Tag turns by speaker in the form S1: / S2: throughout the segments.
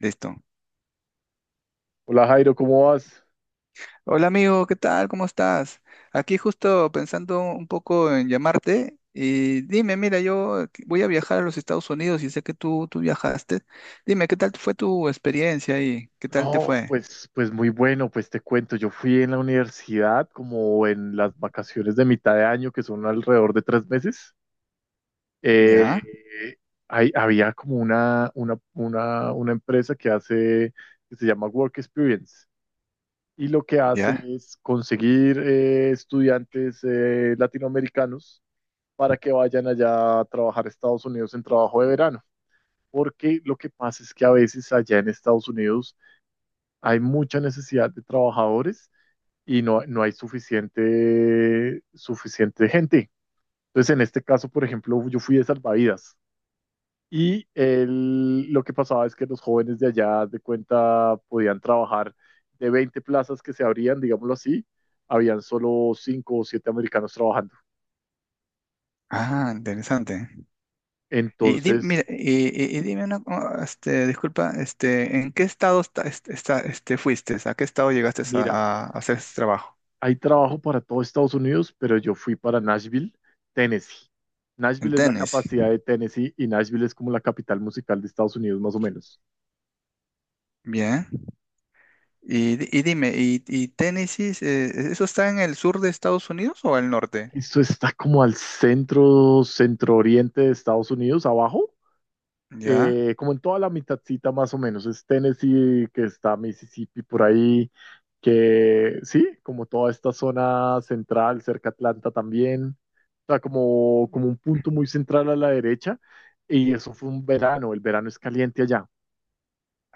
S1: Listo.
S2: Hola Jairo, ¿cómo vas?
S1: Hola amigo, ¿qué tal? ¿Cómo estás? Aquí justo pensando un poco en llamarte y dime, mira, yo voy a viajar a los Estados Unidos y sé que tú viajaste. Dime, ¿qué tal fue tu experiencia y qué tal te
S2: No,
S1: fue?
S2: pues, pues muy bueno, pues te cuento, yo fui en la universidad como en las vacaciones de mitad de año, que son alrededor de tres meses.
S1: Ya,
S2: Eh, Había como una empresa que que se llama Work Experience, y lo que hace
S1: ya.
S2: es conseguir estudiantes latinoamericanos para que vayan allá a trabajar a Estados Unidos en trabajo de verano. Porque lo que pasa es que a veces allá en Estados Unidos hay mucha necesidad de trabajadores y no hay suficiente gente. Entonces, en este caso, por ejemplo, yo fui de salvavidas y lo que pasaba es que los jóvenes de allá, haz de cuenta, podían trabajar: de 20 plazas que se abrían, digámoslo así, habían solo 5 o 7 americanos trabajando.
S1: Ah, interesante. Y dime, mira,
S2: Entonces,
S1: y dime una, co- este, disculpa, este, ¿en qué estado fuiste? ¿A qué estado llegaste
S2: mira,
S1: a hacer este trabajo?
S2: hay trabajo para todo Estados Unidos, pero yo fui para Nashville, Tennessee.
S1: En
S2: Nashville es la
S1: Tennessee.
S2: capacidad de Tennessee y Nashville es como la capital musical de Estados Unidos, más o menos.
S1: Bien. Y dime, y Tennessee, eso está en el sur de Estados Unidos o al norte?
S2: Esto está como al centro, centro oriente de Estados Unidos, abajo,
S1: Ya.
S2: como en toda la mitadcita más o menos, es Tennessee, que está Mississippi por ahí, que sí, como toda esta zona central, cerca a Atlanta también, o sea, como, como un punto muy central a la derecha, y eso fue un verano, el verano es caliente allá.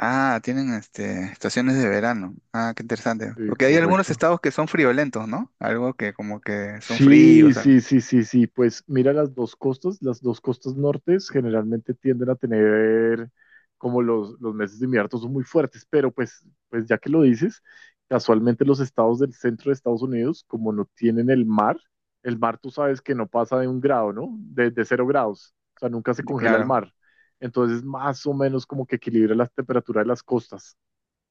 S1: Ah, tienen estaciones de verano. Ah, qué interesante.
S2: Sí,
S1: Porque hay algunos
S2: correcto.
S1: estados que son friolentos, ¿no? Algo que como que son fríos, o
S2: Sí,
S1: sea,
S2: sí, sí, sí, sí. Pues mira las dos costas. Las dos costas nortes generalmente tienden a tener como los meses de invierno son muy fuertes, pero pues ya que lo dices, casualmente los estados del centro de Estados Unidos, como no tienen el mar tú sabes que no pasa de un grado, ¿no? De cero grados. O sea, nunca se congela el
S1: claro.
S2: mar. Entonces, más o menos como que equilibra las temperaturas de las costas,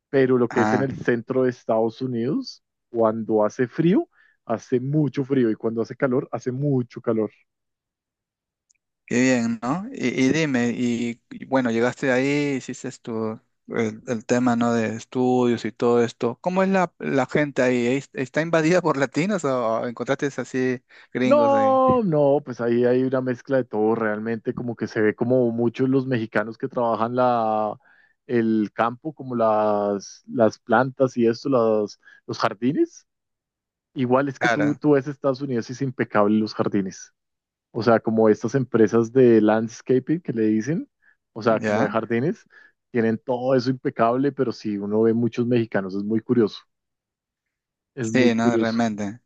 S2: pero lo que es en
S1: Ah,
S2: el centro de Estados Unidos, cuando hace frío, hace mucho frío, y cuando hace calor, hace mucho calor.
S1: qué bien, ¿no? Y dime, y bueno, llegaste ahí, hiciste tu, el tema, ¿no? De estudios y todo esto. ¿Cómo es la gente ahí? ¿Es- ¿Está invadida por latinos o encontraste así gringos ahí?
S2: No, no, pues ahí hay una mezcla de todo, realmente como que se ve como muchos los mexicanos que trabajan el campo, como las plantas y esto, los jardines. Igual es que
S1: Claro,
S2: tú ves Estados Unidos y es impecable los jardines. O sea, como estas empresas de landscaping que le dicen, o sea, como de
S1: ya.
S2: jardines, tienen todo eso impecable, pero si uno ve muchos mexicanos, es muy curioso, es muy
S1: Sí, no,
S2: curioso.
S1: realmente.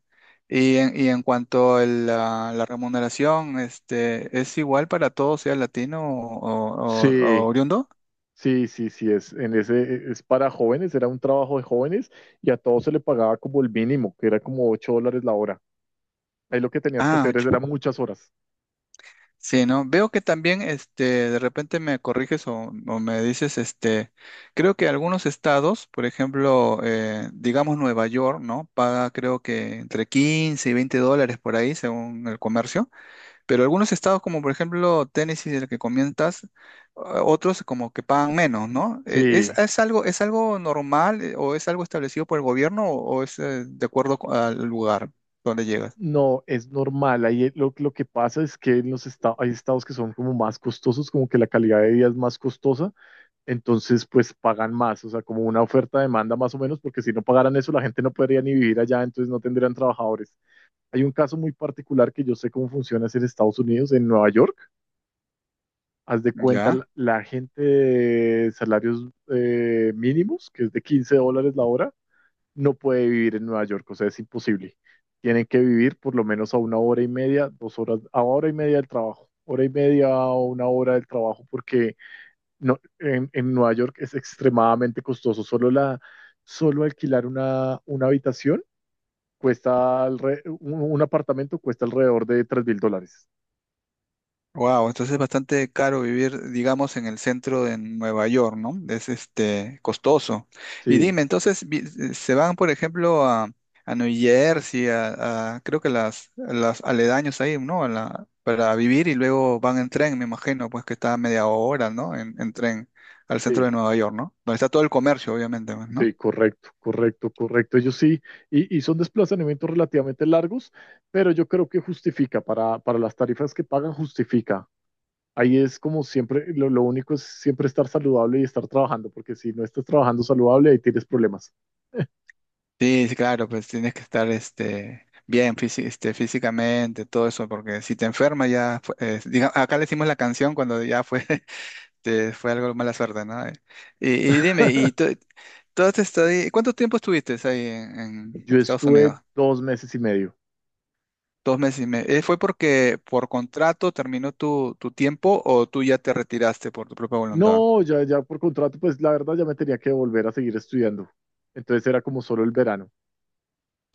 S1: Y en cuanto a la remuneración, ¿es igual para todos, sea latino o
S2: Sí,
S1: oriundo?
S2: sí, sí, sí, es, en ese, es para jóvenes, era un trabajo de jóvenes, y a todos se le pagaba como el mínimo, que era como 8 dólares la hora. Ahí lo que tenías que
S1: Ah,
S2: hacer es,
S1: ch-
S2: eran muchas horas.
S1: sí, ¿no? Veo que también, de repente me corriges o me dices, creo que algunos estados, por ejemplo, digamos Nueva York, ¿no? Paga creo que entre 15 y 20 dólares por ahí, según el comercio. Pero algunos estados, como por ejemplo Tennessee, del que comentas, o- otros como que pagan menos, ¿no? E-
S2: Sí,
S1: es algo normal o es algo establecido por el gobierno o es de acuerdo co- al lugar donde llegas?
S2: no, es normal. Ahí lo que pasa es que en los estados, hay estados que son como más costosos, como que la calidad de vida es más costosa, entonces pues pagan más, o sea, como una oferta-demanda más o menos, porque si no pagaran eso la gente no podría ni vivir allá, entonces no tendrían trabajadores. Hay un caso muy particular que yo sé cómo funciona es en Estados Unidos, en Nueva York. Haz de cuenta,
S1: Ya.
S2: la gente de salarios mínimos, que es de 15 dólares la hora, no puede vivir en Nueva York, o sea, es imposible. Tienen que vivir por lo menos a una hora y media, dos horas, a hora y media del trabajo, hora y media o una hora del trabajo, porque no, en Nueva York es extremadamente costoso. Solo alquilar una habitación un apartamento cuesta alrededor de tres mil dólares.
S1: Wow, entonces es bastante caro vivir, digamos, en el centro de Nueva York, ¿no? Es costoso. Y
S2: Sí,
S1: dime, entonces vi- se van, por ejemplo, a New Jersey, a- creo que las aledaños ahí, ¿no? A la- para vivir y luego van en tren, me imagino, pues que está a media hora, ¿no? En tren al centro
S2: sí.
S1: de Nueva York, ¿no? Donde está todo el comercio, obviamente, pues,
S2: Sí,
S1: ¿no?
S2: correcto, correcto, correcto. Ellos sí, y son desplazamientos relativamente largos, pero yo creo que justifica para las tarifas que pagan, justifica. Ahí es como siempre, lo único es siempre estar saludable y estar trabajando, porque si no estás trabajando saludable, ahí tienes problemas.
S1: Sí, sí, claro, pues tienes que estar bien físi- físicamente, todo eso, porque si te enfermas ya, fue- diga- acá le hicimos la canción cuando ya fue, fue algo de mala suerte, ¿no? Y dime, ¿y tú has estado ahí- cuánto tiempo estuviste ahí en
S2: Yo
S1: Estados Unidos?
S2: estuve dos meses y medio.
S1: Dos meses y medio. ¿Fue porque por contrato terminó tu tiempo o tú ya te retiraste por tu propia voluntad?
S2: No, ya, ya por contrato, pues la verdad ya me tenía que volver a seguir estudiando. Entonces era como solo el verano.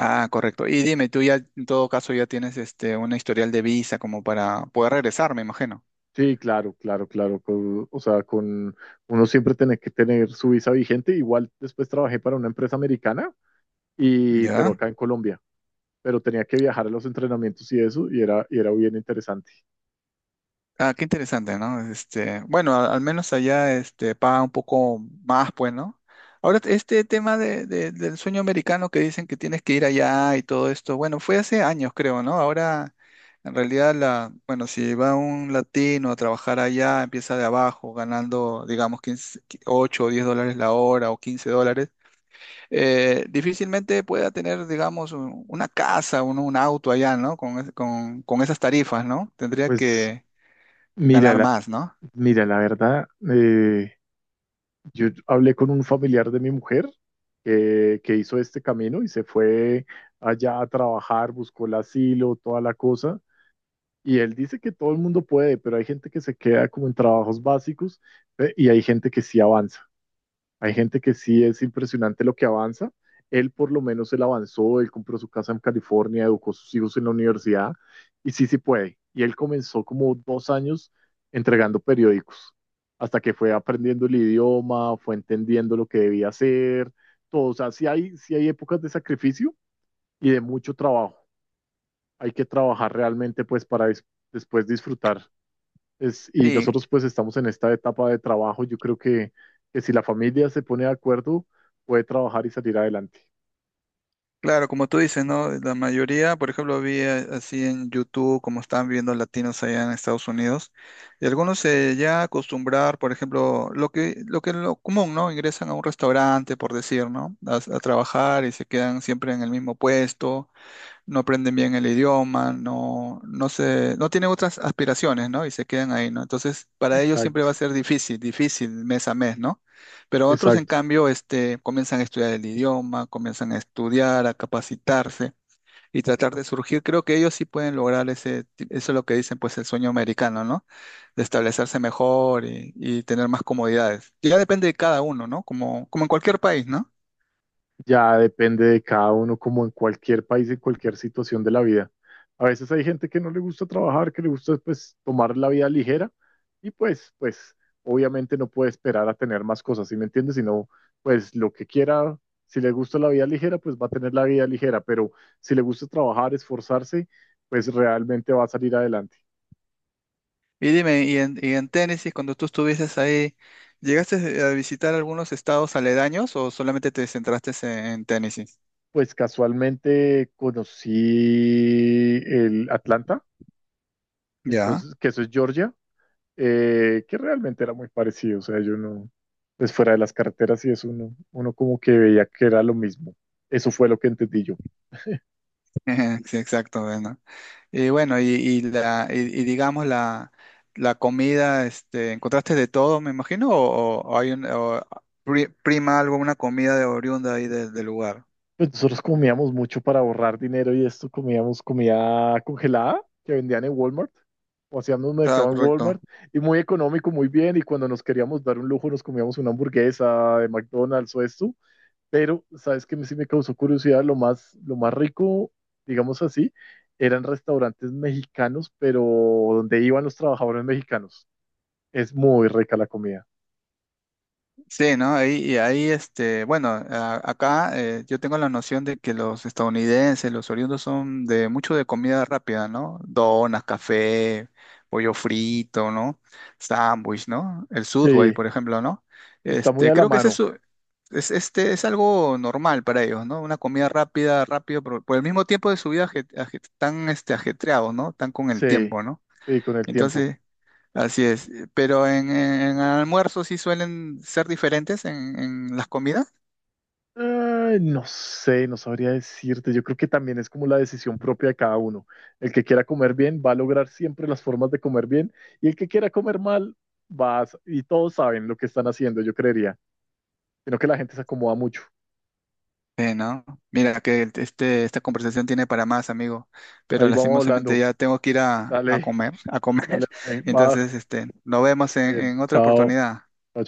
S1: Ah, correcto. Y dime, tú ya en todo caso ya tienes una historial de visa como para poder regresar, me imagino.
S2: Sí, claro, claro, claro. O sea, con uno siempre tiene que tener su visa vigente. Igual después trabajé para una empresa americana y, pero
S1: ¿Ya?
S2: acá en Colombia, pero tenía que viajar a los entrenamientos y eso y y era bien interesante.
S1: Ah, qué interesante, ¿no? Este, bueno, a- al menos allá este, paga un poco más, pues, ¿no? Ahora, este tema del sueño americano que dicen que tienes que ir allá y todo esto, bueno, fue hace años, creo, ¿no? Ahora, en realidad, la, bueno, si va un latino a trabajar allá, empieza de abajo, ganando, digamos, 15, 8 o 10 dólares la hora o 15 dólares, difícilmente pueda tener, digamos, un- una casa, un auto allá, ¿no? Con, es- con esas tarifas, ¿no? Tendría
S2: Pues
S1: que
S2: mira,
S1: ganar
S2: la,
S1: más, ¿no?
S2: Mira, la verdad, eh, yo hablé con un familiar de mi mujer que hizo este camino y se fue allá a trabajar, buscó el asilo, toda la cosa. Y él dice que todo el mundo puede, pero hay gente que se queda como en trabajos básicos, y hay gente que sí avanza. Hay gente que sí es impresionante lo que avanza. Él por lo menos él avanzó, él compró su casa en California, educó a sus hijos en la universidad y sí, sí puede. Y él comenzó como dos años entregando periódicos hasta que fue aprendiendo el idioma, fue entendiendo lo que debía hacer, todo. O sea, sí hay épocas de sacrificio y de mucho trabajo. Hay que trabajar realmente pues para después disfrutar. Y
S1: Sí,
S2: nosotros pues estamos en esta etapa de trabajo. Yo creo que si la familia se pone de acuerdo, puede trabajar y salir adelante.
S1: claro, como tú dices, ¿no? La mayoría, por ejemplo, vi a- así en YouTube, como están viendo latinos allá en Estados Unidos, y algunos se ya acostumbrar, por ejemplo, lo que es lo común, ¿no? Ingresan a un restaurante, por decir, ¿no? A trabajar y se quedan siempre en el mismo puesto, no aprenden bien el idioma, no tienen otras aspiraciones, ¿no? Y se quedan ahí, ¿no? Entonces, para ellos siempre va a
S2: Exacto,
S1: ser difícil, difícil mes a mes, ¿no? Pero otros, en
S2: exacto.
S1: cambio, comienzan a estudiar el idioma, comienzan a estudiar, a capacitarse y tratar de surgir. Creo que ellos sí pueden lograr ese, ti- eso es lo que dicen, pues, el sueño americano, ¿no? De establecerse mejor y tener más comodidades. Ya depende de cada uno, ¿no? Como, como en cualquier país, ¿no?
S2: Ya depende de cada uno, como en cualquier país, en cualquier situación de la vida. A veces hay gente que no le gusta trabajar, que le gusta pues tomar la vida ligera y pues obviamente no puede esperar a tener más cosas, ¿sí me entiendes? Sino pues lo que quiera, si le gusta la vida ligera, pues va a tener la vida ligera, pero si le gusta trabajar, esforzarse, pues realmente va a salir adelante.
S1: Y dime, y en Tennessee, cuando tú estuvieses ahí, ¿llegaste a visitar algunos estados aledaños o solamente te centraste en Tennessee?
S2: Pues casualmente conocí el Atlanta,
S1: Ya,
S2: entonces, que eso es Georgia. Que realmente era muy parecido, o sea, yo no, pues fuera de las carreteras y eso, uno como que veía que era lo mismo. Eso fue lo que entendí yo.
S1: sí, exacto, bueno. Y bueno, y la, y digamos la comida, ¿encontraste de todo, me imagino? O hay un, o pri- prima alguna comida de oriunda ahí del del lugar?
S2: Pues nosotros comíamos mucho para ahorrar dinero y esto, comíamos comida congelada que vendían en Walmart, o hacíamos un
S1: Ah,
S2: mercado en
S1: correcto.
S2: Walmart, y muy económico, muy bien, y cuando nos queríamos dar un lujo nos comíamos una hamburguesa de McDonald's o esto. Pero, ¿sabes qué? Sí me causó curiosidad. Lo más rico, digamos así, eran restaurantes mexicanos, pero donde iban los trabajadores mexicanos. Es muy rica la comida.
S1: Sí, ¿no? Ahí, y ahí, este, bueno, a- acá yo tengo la noción de que los estadounidenses, los oriundos son de mucho de comida rápida, ¿no? Donas, café, pollo frito, ¿no? Sándwich, ¿no? El Subway,
S2: Sí,
S1: por ejemplo, ¿no?
S2: está muy
S1: Este,
S2: a la
S1: creo que ese es,
S2: mano.
S1: su- es, es algo normal para ellos, ¿no? Una comida rápida, rápido, por el mismo tiempo de su vida aje- aje- tan este, ajetreados, ¿no? Tan con el
S2: Sí,
S1: tiempo, ¿no?
S2: sí, con el tiempo.
S1: Entonces, así es. Pero en almuerzos sí suelen ser diferentes en las comidas.
S2: Ay, no sé, no sabría decirte. Yo creo que también es como la decisión propia de cada uno. El que quiera comer bien va a lograr siempre las formas de comer bien y el que quiera comer mal y todos saben lo que están haciendo, yo creería. Sino que la gente se acomoda mucho.
S1: No. Mira que el- este, esta conversación tiene para más, amigo. Pero
S2: Ahí vamos
S1: lastimosamente
S2: hablando.
S1: ya tengo que ir a
S2: Dale,
S1: comer, a
S2: dale,
S1: comer.
S2: dale. Va,
S1: Entonces, este, nos vemos
S2: está bien.
S1: en otra
S2: Chao.
S1: oportunidad.